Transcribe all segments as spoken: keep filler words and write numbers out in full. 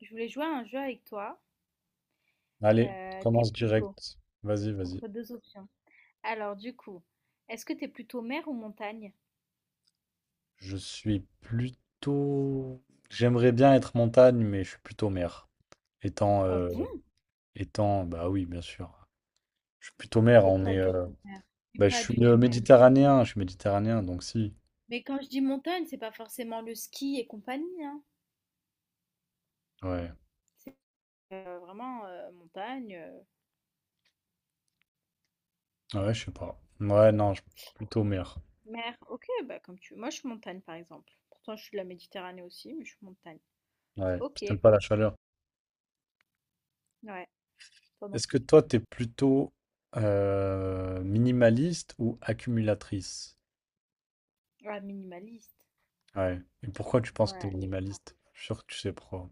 Je voulais jouer à un jeu avec toi. Allez, Euh, t'es commence plutôt direct. Vas-y, vas-y. entre deux options. Alors, du coup, est-ce que t'es plutôt mer ou montagne? Je suis plutôt... J'aimerais bien être montagne, mais je suis plutôt mer. Étant, Ah euh, bon? étant, bah oui, bien sûr. Je suis plutôt mer. T'es On pas est, du euh, tout mer. T'es bah, je pas du suis euh, tout mer. méditerranéen. Je suis méditerranéen, donc si. Mais quand je dis montagne, c'est pas forcément le ski et compagnie, hein. Ouais, C'est euh, vraiment euh, montagne, euh, ouais, je sais pas. Ouais, non, je... suis plutôt mer. mer. Ok, bah comme tu veux. Moi, je suis montagne, par exemple. Pourtant, je suis de la Méditerranée aussi, mais je suis montagne. Ouais, parce Ok, que t'aimes pas la chaleur. ouais, toi non Est-ce que plus. toi, t'es plutôt euh, minimaliste ou accumulatrice? Ah, minimaliste. Ouais. Et pourquoi tu penses que t'es Ouais. minimaliste? Je suis sûr que tu sais pourquoi.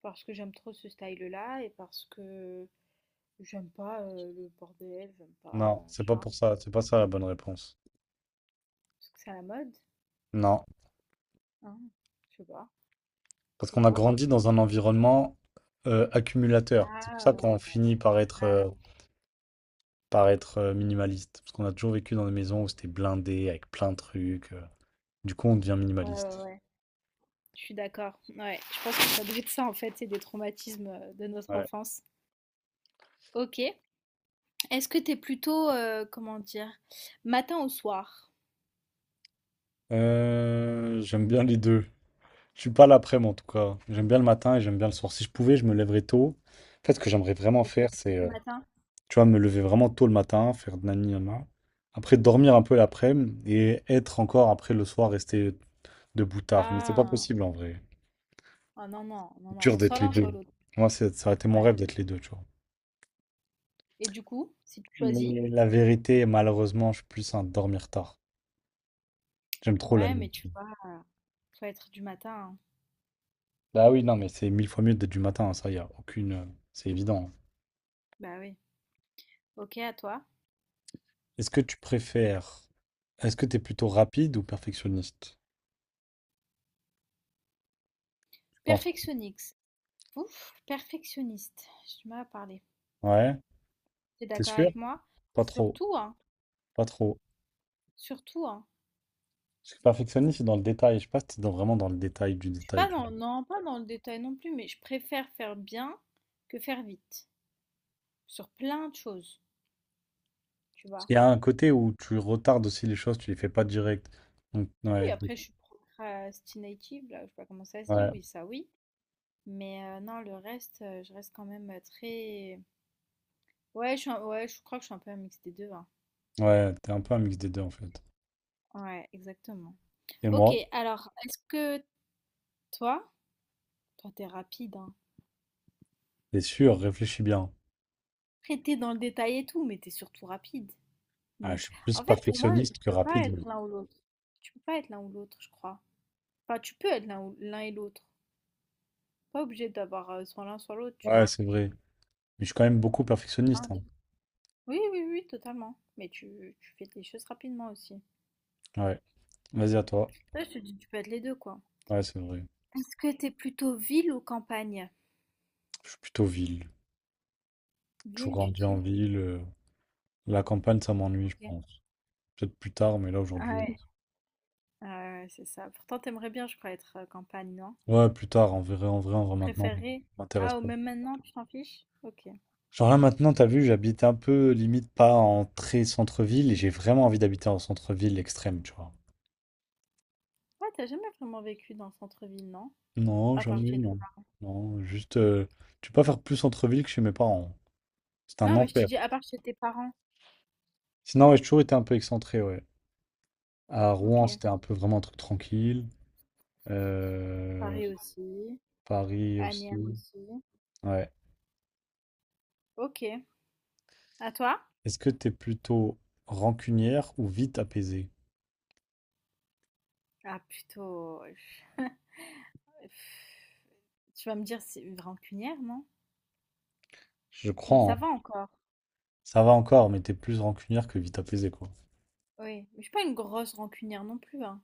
Parce que j'aime trop ce style-là, et parce que j'aime pas, heu, le bordel, j'aime pas, Non, heu, c'est tu pas vois? pour ça, c'est pas ça la bonne réponse. Parce que c'est à la mode, Non, hein? Je sais pas, parce qu'on a dis-moi? grandi dans un environnement euh, accumulateur. C'est pour Ah ça qu'on ouais, finit par être, grave, euh, par être euh, minimaliste. Parce qu'on a toujours vécu dans des maisons ouais. où c'était blindé, avec plein de trucs. euh. Du coup, on devient Ouais, ouais, minimaliste. ouais, je suis d'accord. Ouais, je pense que ça doit être ça en fait, c'est des traumatismes, heu, de notre Ouais. enfance. OK. Est-ce que t'es plutôt, heu, comment dire? Matin ou soir? Euh, j'aime bien les deux. Je suis pas l'après-midi en tout cas. J'aime bien le matin et j'aime bien le soir. Si je pouvais, je me lèverais tôt. En fait, ce que j'aimerais vraiment Et faire, c'est tu euh, matin? tu vois, me lever vraiment tôt le matin, faire nani nana. Après, dormir un peu l'après-midi et être encore après le soir, rester debout tard. Mais c'est pas Ah! possible en vrai. Ah non, non, non, non, Dur c'est soit d'être les l'un deux. soit l'autre. Moi, c'est- ça aurait été mon Ouais. rêve d'être les deux, tu vois. Et du coup, si tu choisis? Mais la vérité, malheureusement, je suis plus un dormir tard. J'aime trop la Ouais, mais nuit. tu vois, heu, faut être du matin, hein. Bah oui, non, mais c'est mille fois mieux d'être du matin, hein, ça, y a aucune. euh, C'est évident. Bah oui. OK, à toi? Est-ce que tu préfères. Est-ce que t'es plutôt rapide ou perfectionniste? Je pense. Perfectionnix Ouf, perfectionniste, j'ai du mal à parler. Ouais. T'es T'es d'accord sûr? avec moi? Pas trop. Surtout, hein, Pas trop. surtout, hein. Parce que perfectionniste, c'est dans le détail. Je sais pas si c'est dans- vraiment dans le détail du Je suis détail, pas tu dans, vois. non, pas dans le détail non plus, mais je préfère faire bien que faire vite, sur plein de choses, tu Parce vois. qu'il y a un côté où tu retardes aussi les choses, tu les fais pas direct. Donc, Oui, ouais, donc, après, je suis procrastinative, là, je sais pas comment ça se dit, ouais, oui, ça, oui. Mais euh, non, le reste, euh, je reste quand même euh, très... Ouais, je suis un- ouais, je crois que je suis un peu un mix des deux, hein. ouais, t'es un peu un mix des deux en fait. Ouais, exactement. Et Ok, moi, alors, est-ce que toi, toi, t'es rapide, hein. c'est sûr, réfléchis bien. Après, t'es dans le détail et tout, mais t'es surtout rapide. Ah, je Donc, suis plus en fait, pour moi, tu perfectionniste que peux pas rapide. être mais- l'un ou l'autre. Tu peux pas être l'un ou l'autre, je crois. Enfin, tu peux être l'un ou- l'un et l'autre. Pas obligé d'avoir euh, soit l'un, soit l'autre, tu Ouais, vois. c'est vrai. Mais je suis quand même beaucoup Hein, perfectionniste, tu- hein. Oui, oui, oui, totalement. Mais tu, tu fais des choses rapidement aussi. Ouais, vas-y à toi. Là, je te dis, tu peux être les deux, quoi. Ouais, c'est vrai. Est-ce que t'es plutôt ville ou campagne? Je suis plutôt ville. Toujours Ville, tu grandi en dis? ville. euh, La campagne, ça m'ennuie, je Ok. pense. Peut-être plus tard, mais là aujourd'hui. Ouais, ouais, c'est ça. Pourtant, t'aimerais bien, je crois, être euh, campagne, non? Ouais, plus tard, en vrai, en vrai, en vrai, maintenant, ça Préféré? m'intéresse Ah, ou pas. même maintenant, tu t'en fiches? Ok. Genre là maintenant, t'as vu, j'habite un peu limite pas en très centre-ville et j'ai vraiment envie d'habiter en centre-ville extrême, tu vois. Ouais, t'as jamais vraiment vécu dans le centre-ville, non? Non, À part jamais, chez tes... non. Non, juste, euh, tu peux pas faire plus centre-ville que chez mes parents. C'est un Non, mais je te enfer. dis, à part chez tes parents. Sinon, ouais, j'ai toujours été un peu excentré, ouais. À Ok. Rouen, c'était un peu vraiment un truc tranquille. Euh, Paris aussi. Paris Asnières aussi. aussi. Ouais. Ok. À toi? Est-ce que t'es plutôt rancunière ou vite apaisée? Ah, plutôt... je- pff, Tu vas me dire, c'est une rancunière, non? Je Mais crois, ça hein. va encore. Ça va encore, mais t'es plus rancunière que vite apaisée, quoi. Oui. Mais je suis pas une grosse rancunière non plus, hein.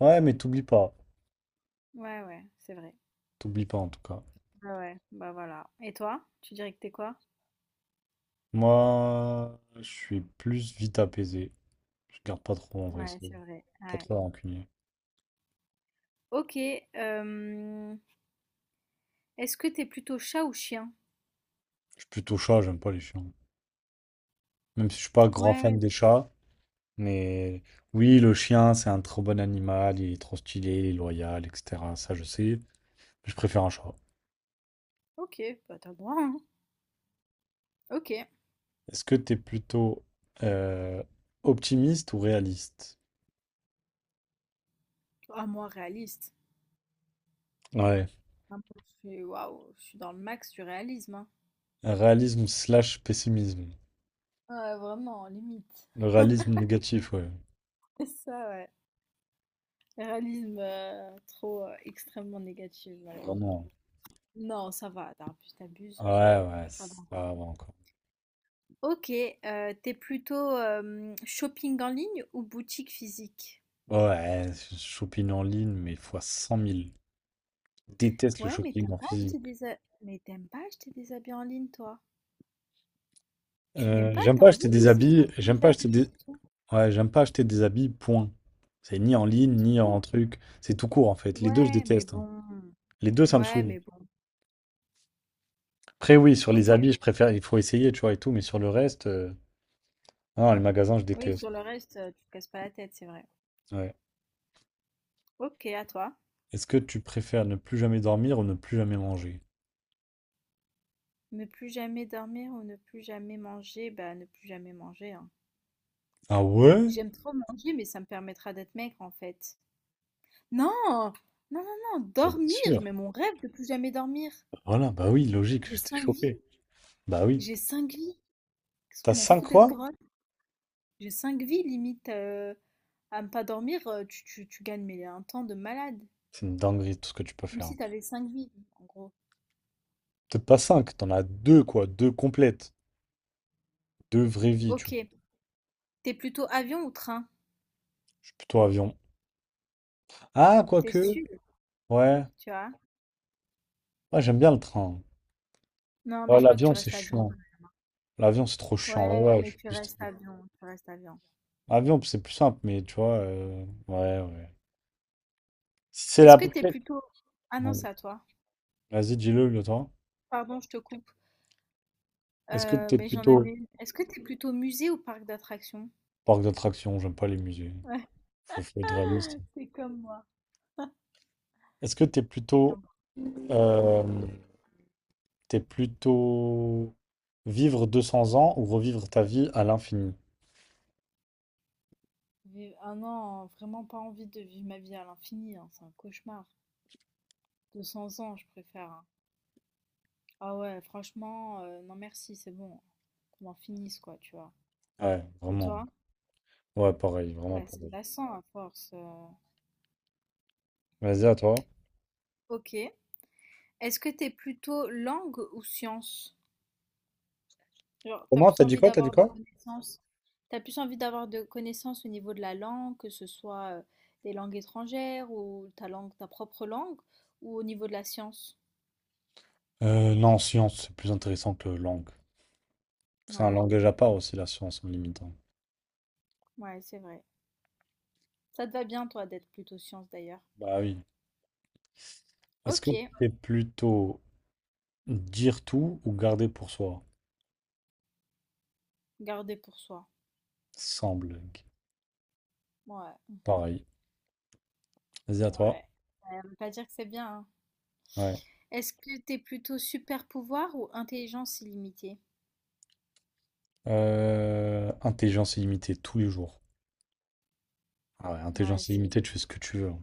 Ouais, mais t'oublies pas. Ouais, ouais, c'est vrai. T'oublies pas, en tout cas. Bah ouais, bah voilà. Et toi? Tu dirais que t'es quoi? Moi, je suis plus vite apaisé. Je garde pas trop en vrai, Ouais, c'est c'est vrai. pas Ouais. trop rancunier. Ok. euh, Est-ce que t'es plutôt chat ou chien? Je suis plutôt chat, j'aime pas les chiens. Même si je suis pas grand Ouais. fan des chats, mais oui, le chien, c'est un trop bon animal, il est trop stylé, il est loyal, et cetera. Ça, je sais, mais je préfère un chat. Ok, bah t'as le droit, hein. Ok. Est-ce que t'es plutôt euh, optimiste ou réaliste? Ah, moi, réaliste. Ouais, Ah, moi, je suis, waouh, je suis dans le max du réalisme, hein. réalisme slash pessimisme. Ouais, vraiment, limite. Le réalisme négatif, ouais. C'est ça, ouais. Réalisme euh, trop euh, extrêmement négatif, malheureusement. Vraiment. Non, ça va, t'abuses, t'abuses. euh, Ouais, ouais, ça va ça encore. va encore. Ok, euh, t'es plutôt euh, shopping en ligne ou boutique physique? Ouais, shopping en ligne, mais fois cent mille. Je déteste le Ouais, mais shopping t'aimes en pas acheter physique. des ha- mais t'aimes pas acheter des habits en ligne, toi. Tu n'aimes Euh, pas, J'aime t'as pas envie acheter des d'essayer habits, j'aime les pas acheter des... habits et tout, Ouais, j'aime pas acheter des habits, point. C'est ni en ligne, tout ni en court. truc. C'est tout court, en fait. Les deux, je Ouais, mais déteste, hein. bon. Les deux, ça me Ouais, saoule. mais bon. Après, oui, sur les Ok. habits, je préfère. Il faut essayer, tu vois, et tout, mais sur le reste. euh, Non, les magasins, je Oui, déteste. sur le reste, euh, tu te casses pas la tête, c'est vrai. Ouais. Ok, à toi. Est-ce que tu préfères ne plus jamais dormir ou ne plus jamais manger? Ne plus jamais dormir ou ne plus jamais manger, bah ne plus jamais manger, hein. Ah ouais? J'aime trop manger, mais ça me permettra d'être maigre en fait. Non, non, non, non, Bah, bien dormir, sûr. mais mon rêve de plus jamais dormir. Voilà, bah oui, logique, J'ai j'étais cinq chopé. vies, Bah oui. j'ai cinq vies. Qu'est-ce que je T'as m'en cinq fous d'être quoi? grosse? J'ai cinq vies, limite euh, à ne pas dormir, euh, tu, tu, tu gagnes mais un temps de malade. C'est une dinguerie tout ce que tu peux Comme faire. si t'avais cinq vies, en gros. Peut-être pas cinq, t'en as deux quoi, deux complètes, deux vraies vies, tu Ok, vois. t'es plutôt avion ou train? Je suis plutôt avion. Ah, T'es quoique, sûr, ouais, tu vois? ouais, j'aime bien le train. Non, mais Ouais, je crois que tu l'avion c'est restes avion. chiant. L'avion c'est trop chiant. Ouais, Ouais, ouais, mais tu je suis restes plus. avion, tu restes avion. Avion c'est plus simple, mais tu vois, euh, ouais, ouais. Si c'est la Est-ce que t'es complète. plutôt... Ah non, Ouais. c'est à toi. Vas-y, dis-le, le toi. Pardon, je te coupe. Est-ce que Euh, t'es Mais j'en avais plutôt une. Est-ce que t'es plutôt musée ou parc d'attractions? parc d'attractions? J'aime pas les musées. Ouais, Faut, faut être réaliste. c'est comme moi, Est-ce que t'es c'est plutôt comme moi. euh, T'es plutôt vivre deux cents ans ou revivre ta vie à l'infini. Vive- Ah non, vraiment pas envie de vivre ma vie à l'infini, hein, c'est un cauchemar. Deux cents ans, je préfère, hein. Ah ouais, franchement, euh, non merci, c'est bon. Qu'on en finisse, quoi, tu vois. Ouais, Et vraiment. toi? Ouais, pareil, vraiment Ouais, c'est pareil. glaçant à force. euh. Vas-y, à toi. Ok. Est-ce que t'es plutôt langue ou science? Genre, t'as Comment? plus T'as dit envie quoi? T'as dit d'avoir de quoi? connaissances, t'as plus envie d'avoir de connaissances au niveau de la langue, que ce soit euh, des langues étrangères ou ta langue, ta propre langue, ou au niveau de la science. Euh, non, science, c'est plus intéressant que langue. C'est un Ouais, langage à part aussi, la science, en limitant. ouais, c'est vrai. Ça te va bien, toi, d'être plutôt science d'ailleurs. Bah oui. Est-ce Ok, que t'es plutôt dire tout ou garder pour soi? garder pour soi. Sans blague. Ouais, Pareil. Vas-y, à toi. ouais. Ça veut pas dire que c'est bien, hein. Ouais. Est-ce que t'es plutôt super pouvoir ou intelligence illimitée? Euh, intelligence illimitée, tous les jours. Ah ouais, Ouais, intelligence c'est illimitée, tu fais ce que tu veux, hein.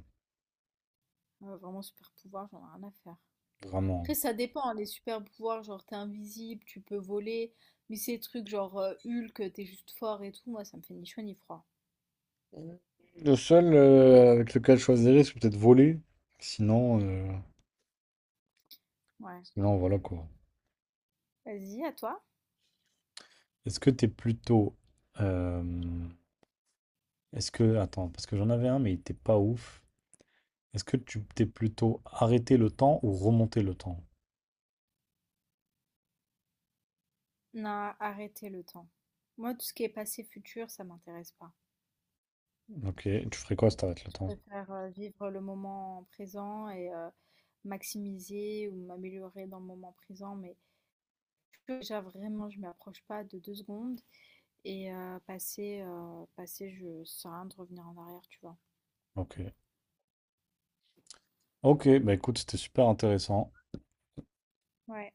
ouais, vraiment super pouvoir, j'en ai rien à faire. Vraiment. Après, ça dépend, hein, les super pouvoirs, genre t'es invisible, tu peux voler, mais ces trucs genre euh, Hulk, t'es juste fort et tout, moi ça me fait ni chaud ni froid. Le seul euh, avec lequel je choisirais, c'est peut-être voler. Sinon, euh, Ouais. sinon, voilà quoi. Vas-y, à toi. Est-ce que t'es plutôt. Euh, est-ce que. Attends, parce que j'en avais un, mais il était pas ouf. Est-ce que tu t'es plutôt arrêter le temps ou remonter le temps? Non, arrêtez le temps. Moi, tout ce qui est passé, futur, ça m'intéresse pas. Ok, tu ferais quoi si t'arrêtes le Je temps? préfère euh, vivre le moment présent et euh, maximiser ou m'améliorer dans le moment présent, mais futur, déjà vraiment, je m'approche pas de deux secondes et euh, passer, euh, passer, je sais rien de revenir en arrière, tu vois. Ok. Ok, bah écoute, c'était super intéressant. Ouais.